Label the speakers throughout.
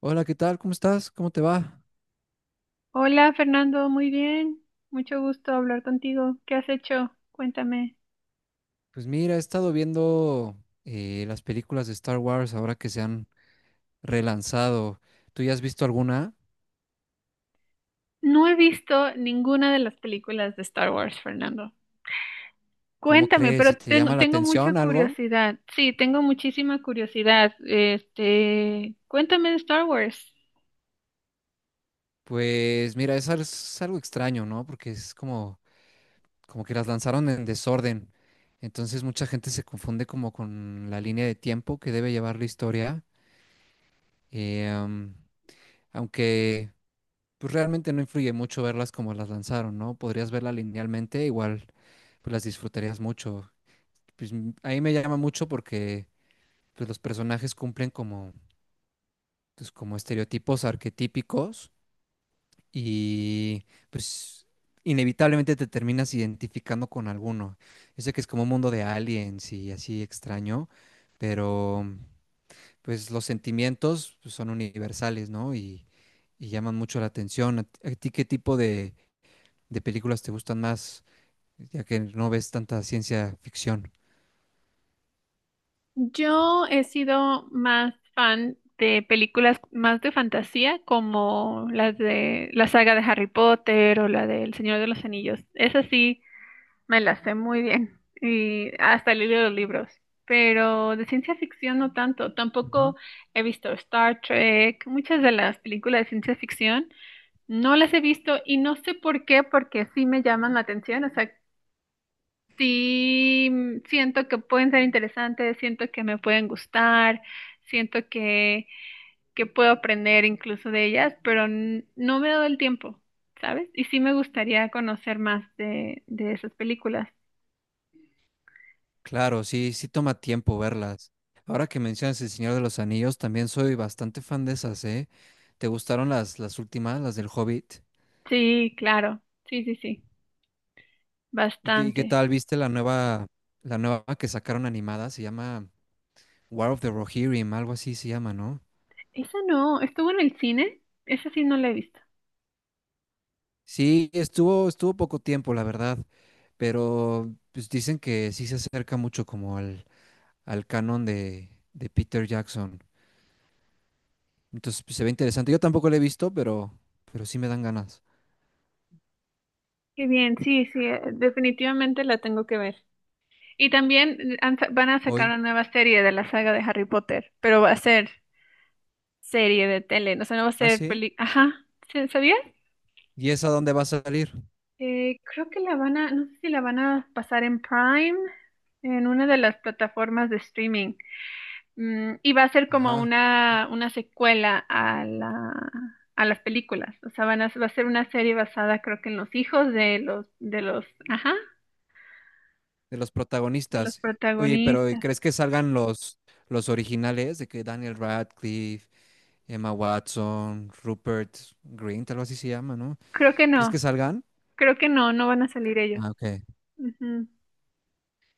Speaker 1: Hola, ¿qué tal? ¿Cómo estás? ¿Cómo te va?
Speaker 2: Hola Fernando, muy bien. Mucho gusto hablar contigo. ¿Qué has hecho? Cuéntame.
Speaker 1: Pues mira, he estado viendo las películas de Star Wars ahora que se han relanzado. ¿Tú ya has visto alguna?
Speaker 2: No he visto ninguna de las películas de Star Wars, Fernando.
Speaker 1: ¿Cómo
Speaker 2: Cuéntame,
Speaker 1: crees?
Speaker 2: pero
Speaker 1: ¿Si te
Speaker 2: tengo,
Speaker 1: llama la
Speaker 2: tengo mucha
Speaker 1: atención algo?
Speaker 2: curiosidad. Sí, tengo muchísima curiosidad. Este, cuéntame de Star Wars.
Speaker 1: Pues mira, es algo extraño, ¿no? Porque es como, como que las lanzaron en desorden. Entonces mucha gente se confunde como con la línea de tiempo que debe llevar la historia. Eh, am, aunque pues realmente no influye mucho verlas como las lanzaron, ¿no? Podrías verla linealmente, igual pues las disfrutarías mucho. A mí me llama mucho porque pues los personajes cumplen como, pues, como estereotipos arquetípicos y pues inevitablemente te terminas identificando con alguno. Yo sé que es como un mundo de aliens y así extraño, pero pues los sentimientos pues, son universales, ¿no? Y llaman mucho la atención. ¿A ti qué tipo de películas te gustan más, ya que no ves tanta ciencia ficción?
Speaker 2: Yo he sido más fan de películas más de fantasía, como las de la saga de Harry Potter o la del Señor de los Anillos. Es así. Me las sé muy bien y hasta he los libros, pero de ciencia ficción no tanto.
Speaker 1: Ujú.
Speaker 2: Tampoco he visto Star Trek. Muchas de las películas de ciencia ficción no las he visto y no sé por qué, porque sí me llaman la atención. O sea, sí, siento que pueden ser interesantes, siento que me pueden gustar, siento que puedo aprender incluso de ellas, pero no me he dado el tiempo, ¿sabes? Y sí me gustaría conocer más de esas películas.
Speaker 1: Claro, sí, sí toma tiempo verlas. Ahora que mencionas El Señor de los Anillos, también soy bastante fan de esas, ¿eh? ¿Te gustaron las últimas, las del Hobbit?
Speaker 2: Sí, claro. Sí, sí, sí.
Speaker 1: ¿Y qué
Speaker 2: Bastante.
Speaker 1: tal viste la nueva que sacaron animada? Se llama War of the Rohirrim, algo así se llama, ¿no?
Speaker 2: Esa no, estuvo en el cine. Esa sí no la he visto.
Speaker 1: Sí, estuvo poco tiempo, la verdad, pero pues dicen que sí se acerca mucho como al, al canon de Peter Jackson. Entonces pues, se ve interesante. Yo tampoco la he visto, pero sí me dan ganas.
Speaker 2: Qué bien, sí, sí, definitivamente la tengo que ver. Y también van a sacar
Speaker 1: Hoy.
Speaker 2: una nueva serie de la saga de Harry Potter, pero va a ser serie de tele, no, o sea, no va a
Speaker 1: Ah,
Speaker 2: ser
Speaker 1: sí.
Speaker 2: peli. Ajá, ¿sabías?
Speaker 1: ¿Y esa dónde va a salir?
Speaker 2: Creo que la van a, no sé si la van a pasar en Prime, en una de las plataformas de streaming. Y va a ser como
Speaker 1: Ajá, y-
Speaker 2: una secuela a las películas. O sea, va a ser una serie basada, creo que en los hijos de los, ajá,
Speaker 1: de los
Speaker 2: de los
Speaker 1: protagonistas. Oye,
Speaker 2: protagonistas.
Speaker 1: ¿crees que salgan los originales? De que Daniel Radcliffe, Emma Watson, Rupert Grint, algo así se llama, ¿no?
Speaker 2: Creo que
Speaker 1: ¿Crees que
Speaker 2: no,
Speaker 1: salgan?
Speaker 2: creo que no, no van a salir ellos.
Speaker 1: Ah, ok.
Speaker 2: Ujú.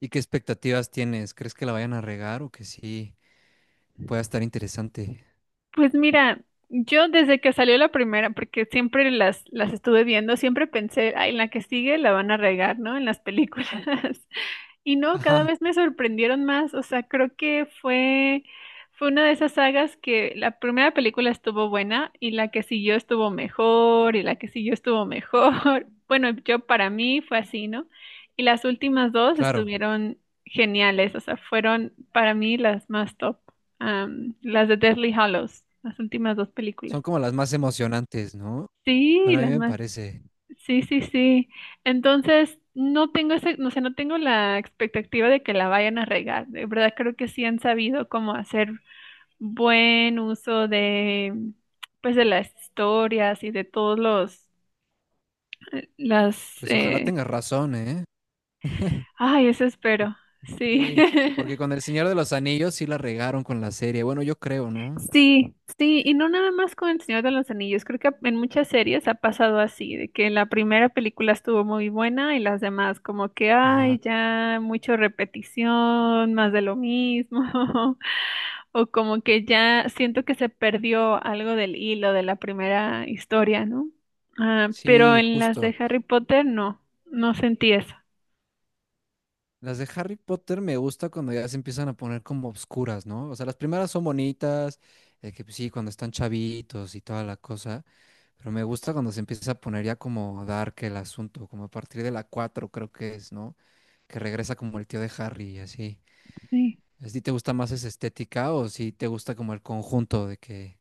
Speaker 1: ¿Y qué expectativas tienes? ¿Crees que la vayan a regar o que sí pueda estar interesante?
Speaker 2: Pues mira, yo desde que salió la primera, porque siempre las estuve viendo, siempre pensé, ay, en la que sigue la van a regar, ¿no? En las películas. Y no,
Speaker 1: Ajá,
Speaker 2: cada vez me sorprendieron más. O sea, creo que fue una de esas sagas que la primera película estuvo buena y la que siguió estuvo mejor y la que siguió estuvo mejor. Bueno, yo para mí fue así, ¿no? Y las últimas dos
Speaker 1: claro.
Speaker 2: estuvieron geniales. O sea, fueron para mí las más top. Las de Deathly Hallows, las últimas dos
Speaker 1: Son
Speaker 2: películas.
Speaker 1: como las más emocionantes, ¿no?
Speaker 2: Sí,
Speaker 1: Pero a mí
Speaker 2: las
Speaker 1: me
Speaker 2: más.
Speaker 1: parece.
Speaker 2: Sí, sí, sí. Entonces, no tengo ese, no sé, no tengo la expectativa de que la vayan a regar. De verdad, creo que sí han sabido cómo hacer buen uso pues de las historias y de todos los, las,
Speaker 1: Pues ojalá tengas razón, ¿eh?
Speaker 2: ay, eso espero. Sí.
Speaker 1: Sí, porque con El Señor de los Anillos sí la regaron con la serie. Bueno, yo creo, ¿no?
Speaker 2: Sí, sí, y no nada más con El Señor de los Anillos, creo que en muchas series ha pasado así, de que la primera película estuvo muy buena y las demás como que,
Speaker 1: Ajá.
Speaker 2: ay, ya mucho repetición, más de lo mismo, o como que ya siento que se perdió algo del hilo de la primera historia, ¿no? Ah, pero
Speaker 1: Sí,
Speaker 2: en las de
Speaker 1: justo.
Speaker 2: Harry Potter no, no sentí eso.
Speaker 1: Las de Harry Potter me gusta cuando ya se empiezan a poner como obscuras, ¿no? O sea, las primeras son bonitas, que pues sí, cuando están chavitos y toda la cosa, pero me gusta cuando se empieza a poner ya como dark el asunto, como a partir de la 4 creo que es, ¿no? Que regresa como el tío de Harry y así.
Speaker 2: Sí.
Speaker 1: ¿A ti te gusta más esa estética o si te gusta como el conjunto de que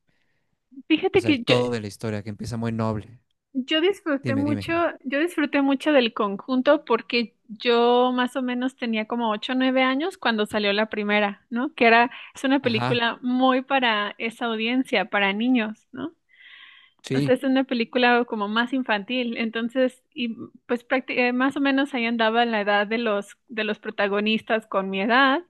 Speaker 1: o
Speaker 2: Fíjate
Speaker 1: sea,
Speaker 2: que
Speaker 1: el todo de la historia, que empieza muy noble.
Speaker 2: Yo disfruté
Speaker 1: Dime,
Speaker 2: mucho,
Speaker 1: dime.
Speaker 2: yo disfruté mucho del conjunto porque yo más o menos tenía como 8 o 9 años cuando salió la primera, ¿no? Es una
Speaker 1: Ajá,
Speaker 2: película muy para esa audiencia, para niños, ¿no? O sea,
Speaker 1: sí,
Speaker 2: es una película como más infantil, entonces, y pues más o menos ahí andaba en la edad de los protagonistas con mi edad.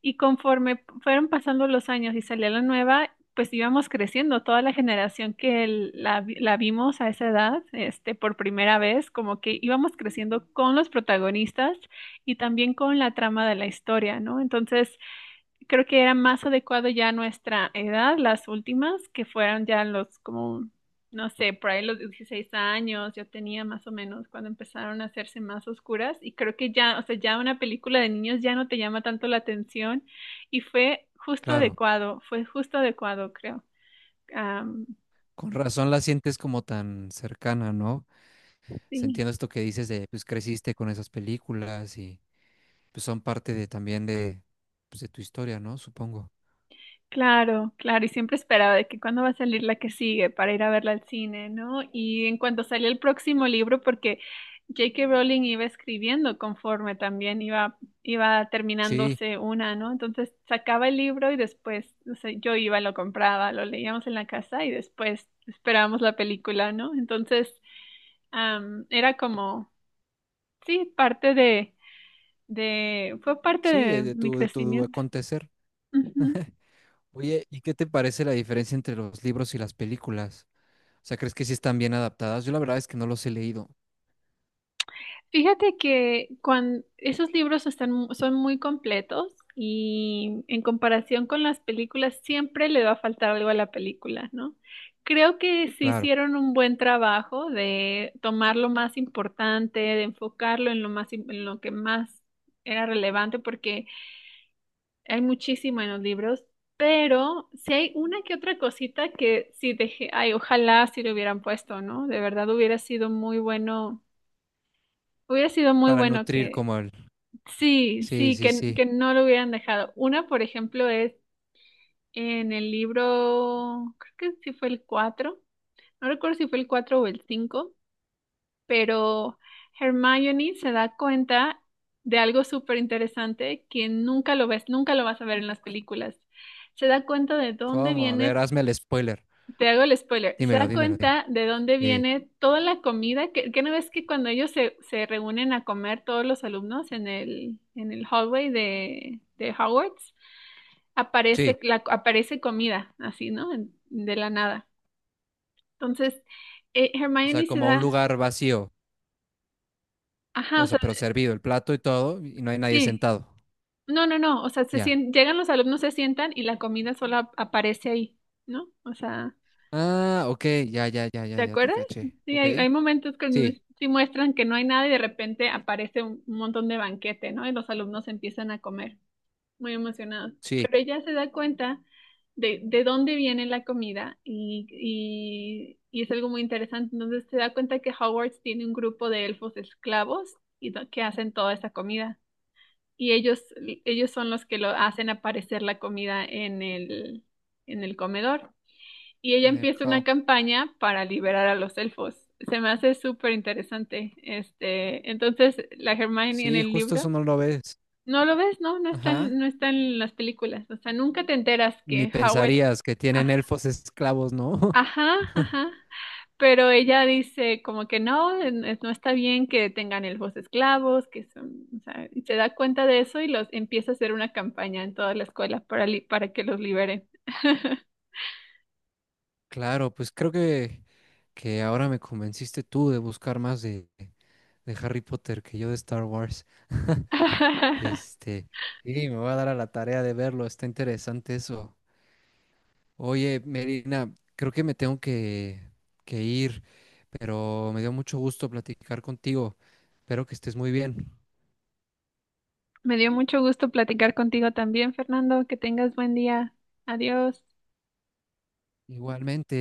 Speaker 2: Y conforme fueron pasando los años y salía la nueva, pues íbamos creciendo. Toda la generación que la vimos a esa edad, este, por primera vez, como que íbamos creciendo con los protagonistas y también con la trama de la historia, ¿no? Entonces, creo que era más adecuado ya a nuestra edad, las últimas, que fueron ya los como, no sé, por ahí los 16 años, yo tenía más o menos cuando empezaron a hacerse más oscuras y creo que ya, o sea, ya una película de niños ya no te llama tanto la atención y
Speaker 1: claro.
Speaker 2: fue justo adecuado, creo. Am,
Speaker 1: Con razón la sientes como tan cercana, ¿no? Se
Speaker 2: sí.
Speaker 1: entiende esto que dices de, pues creciste con esas películas y pues son parte de también de, pues, de tu historia, ¿no? Supongo.
Speaker 2: Claro, claro, y siempre esperaba de que cuándo va a salir la que sigue para ir a verla al cine, ¿no? Y en cuanto salió el próximo libro, porque J.K. Rowling iba escribiendo conforme también iba
Speaker 1: Sí,
Speaker 2: terminándose una, ¿no? Entonces sacaba el libro y después, o sea, yo iba, lo compraba, lo leíamos en la casa y después esperábamos la película, ¿no? Entonces, era como, sí, fue parte
Speaker 1: sí,
Speaker 2: de mi
Speaker 1: de tu
Speaker 2: crecimiento.
Speaker 1: acontecer.
Speaker 2: Ujú.
Speaker 1: Oye, ¿y qué te parece la diferencia entre los libros y las películas? O sea, ¿crees que sí están bien adaptadas? Yo la verdad es que no los he leído.
Speaker 2: Fíjate que cuando esos libros son muy completos y en comparación con las películas siempre le va a faltar algo a la película, ¿no? Creo que se
Speaker 1: Claro,
Speaker 2: hicieron un buen trabajo de tomar lo más importante, de enfocarlo en lo que más era relevante, porque hay muchísimo en los libros, pero si hay una que otra cosita que sí dejé, ay, ojalá si lo hubieran puesto, ¿no? De verdad hubiera sido muy bueno. Hubiera sido muy
Speaker 1: para
Speaker 2: bueno
Speaker 1: nutrir
Speaker 2: que,
Speaker 1: como el...
Speaker 2: sí,
Speaker 1: Sí,
Speaker 2: sí,
Speaker 1: sí,
Speaker 2: que,
Speaker 1: sí.
Speaker 2: que no lo hubieran dejado. Una, por ejemplo, es en el libro, creo que sí fue el 4. No recuerdo si fue el 4 o el cinco, pero Hermione se da cuenta de algo súper interesante que nunca lo ves, nunca lo vas a ver en las películas. Se da cuenta de dónde
Speaker 1: ¿Cómo? A ver,
Speaker 2: viene.
Speaker 1: hazme el spoiler.
Speaker 2: Te hago el spoiler. Se
Speaker 1: Dímelo,
Speaker 2: da
Speaker 1: dímelo. di-
Speaker 2: cuenta de dónde
Speaker 1: eh,
Speaker 2: viene toda la comida. Que no ves que cuando ellos se reúnen a comer todos los alumnos en el hallway de Hogwarts,
Speaker 1: sí,
Speaker 2: aparece comida, así, ¿no? De la nada. Entonces,
Speaker 1: o sea,
Speaker 2: Hermione se
Speaker 1: como un
Speaker 2: da.
Speaker 1: lugar vacío,
Speaker 2: Ajá,
Speaker 1: o
Speaker 2: o
Speaker 1: sea,
Speaker 2: sea,
Speaker 1: pero servido el plato y todo, y no hay nadie
Speaker 2: sí.
Speaker 1: sentado.
Speaker 2: No, no, no. O sea,
Speaker 1: Ya.
Speaker 2: llegan los alumnos, se sientan y la comida solo aparece ahí, ¿no? O sea.
Speaker 1: Ah, ok, ya, ya, ya,
Speaker 2: ¿Te
Speaker 1: ya, ya te
Speaker 2: acuerdas?
Speaker 1: caché.
Speaker 2: Sí,
Speaker 1: Ok.
Speaker 2: hay momentos que
Speaker 1: Sí,
Speaker 2: sí muestran que no hay nada y de repente aparece un montón de banquete, ¿no? Y los alumnos empiezan a comer, muy emocionados.
Speaker 1: sí,
Speaker 2: Pero ella se da cuenta de dónde viene la comida y es algo muy interesante. Entonces se da cuenta que Hogwarts tiene un grupo de elfos esclavos que hacen toda esa comida. Y ellos son los que lo hacen aparecer la comida en el comedor y ella
Speaker 1: en el
Speaker 2: empieza una
Speaker 1: hall.
Speaker 2: campaña para liberar a los elfos. Se me hace súper interesante. Este, entonces, la Hermione en
Speaker 1: Sí,
Speaker 2: el
Speaker 1: justo eso
Speaker 2: libro,
Speaker 1: no lo ves.
Speaker 2: no lo ves, no, no está
Speaker 1: Ajá.
Speaker 2: en, no está en las películas. O sea, nunca te enteras
Speaker 1: Ni
Speaker 2: que Howard,
Speaker 1: pensarías que tienen
Speaker 2: ah,
Speaker 1: elfos esclavos, ¿no?
Speaker 2: ajá, ajá. Pero ella dice como que no, no está bien que tengan elfos esclavos, que son, o sea, y se da cuenta de eso y los empieza a hacer una campaña en toda la escuela para que los liberen.
Speaker 1: Claro, pues creo que ahora me convenciste tú de buscar más de Harry Potter que yo de Star Wars. Este, y me voy a dar a la tarea de verlo, está interesante eso. Oye, Merina, creo que me tengo que ir, pero me dio mucho gusto platicar contigo. Espero que estés muy bien.
Speaker 2: Me dio mucho gusto platicar contigo también, Fernando. Que tengas buen día. Adiós.
Speaker 1: Igualmente.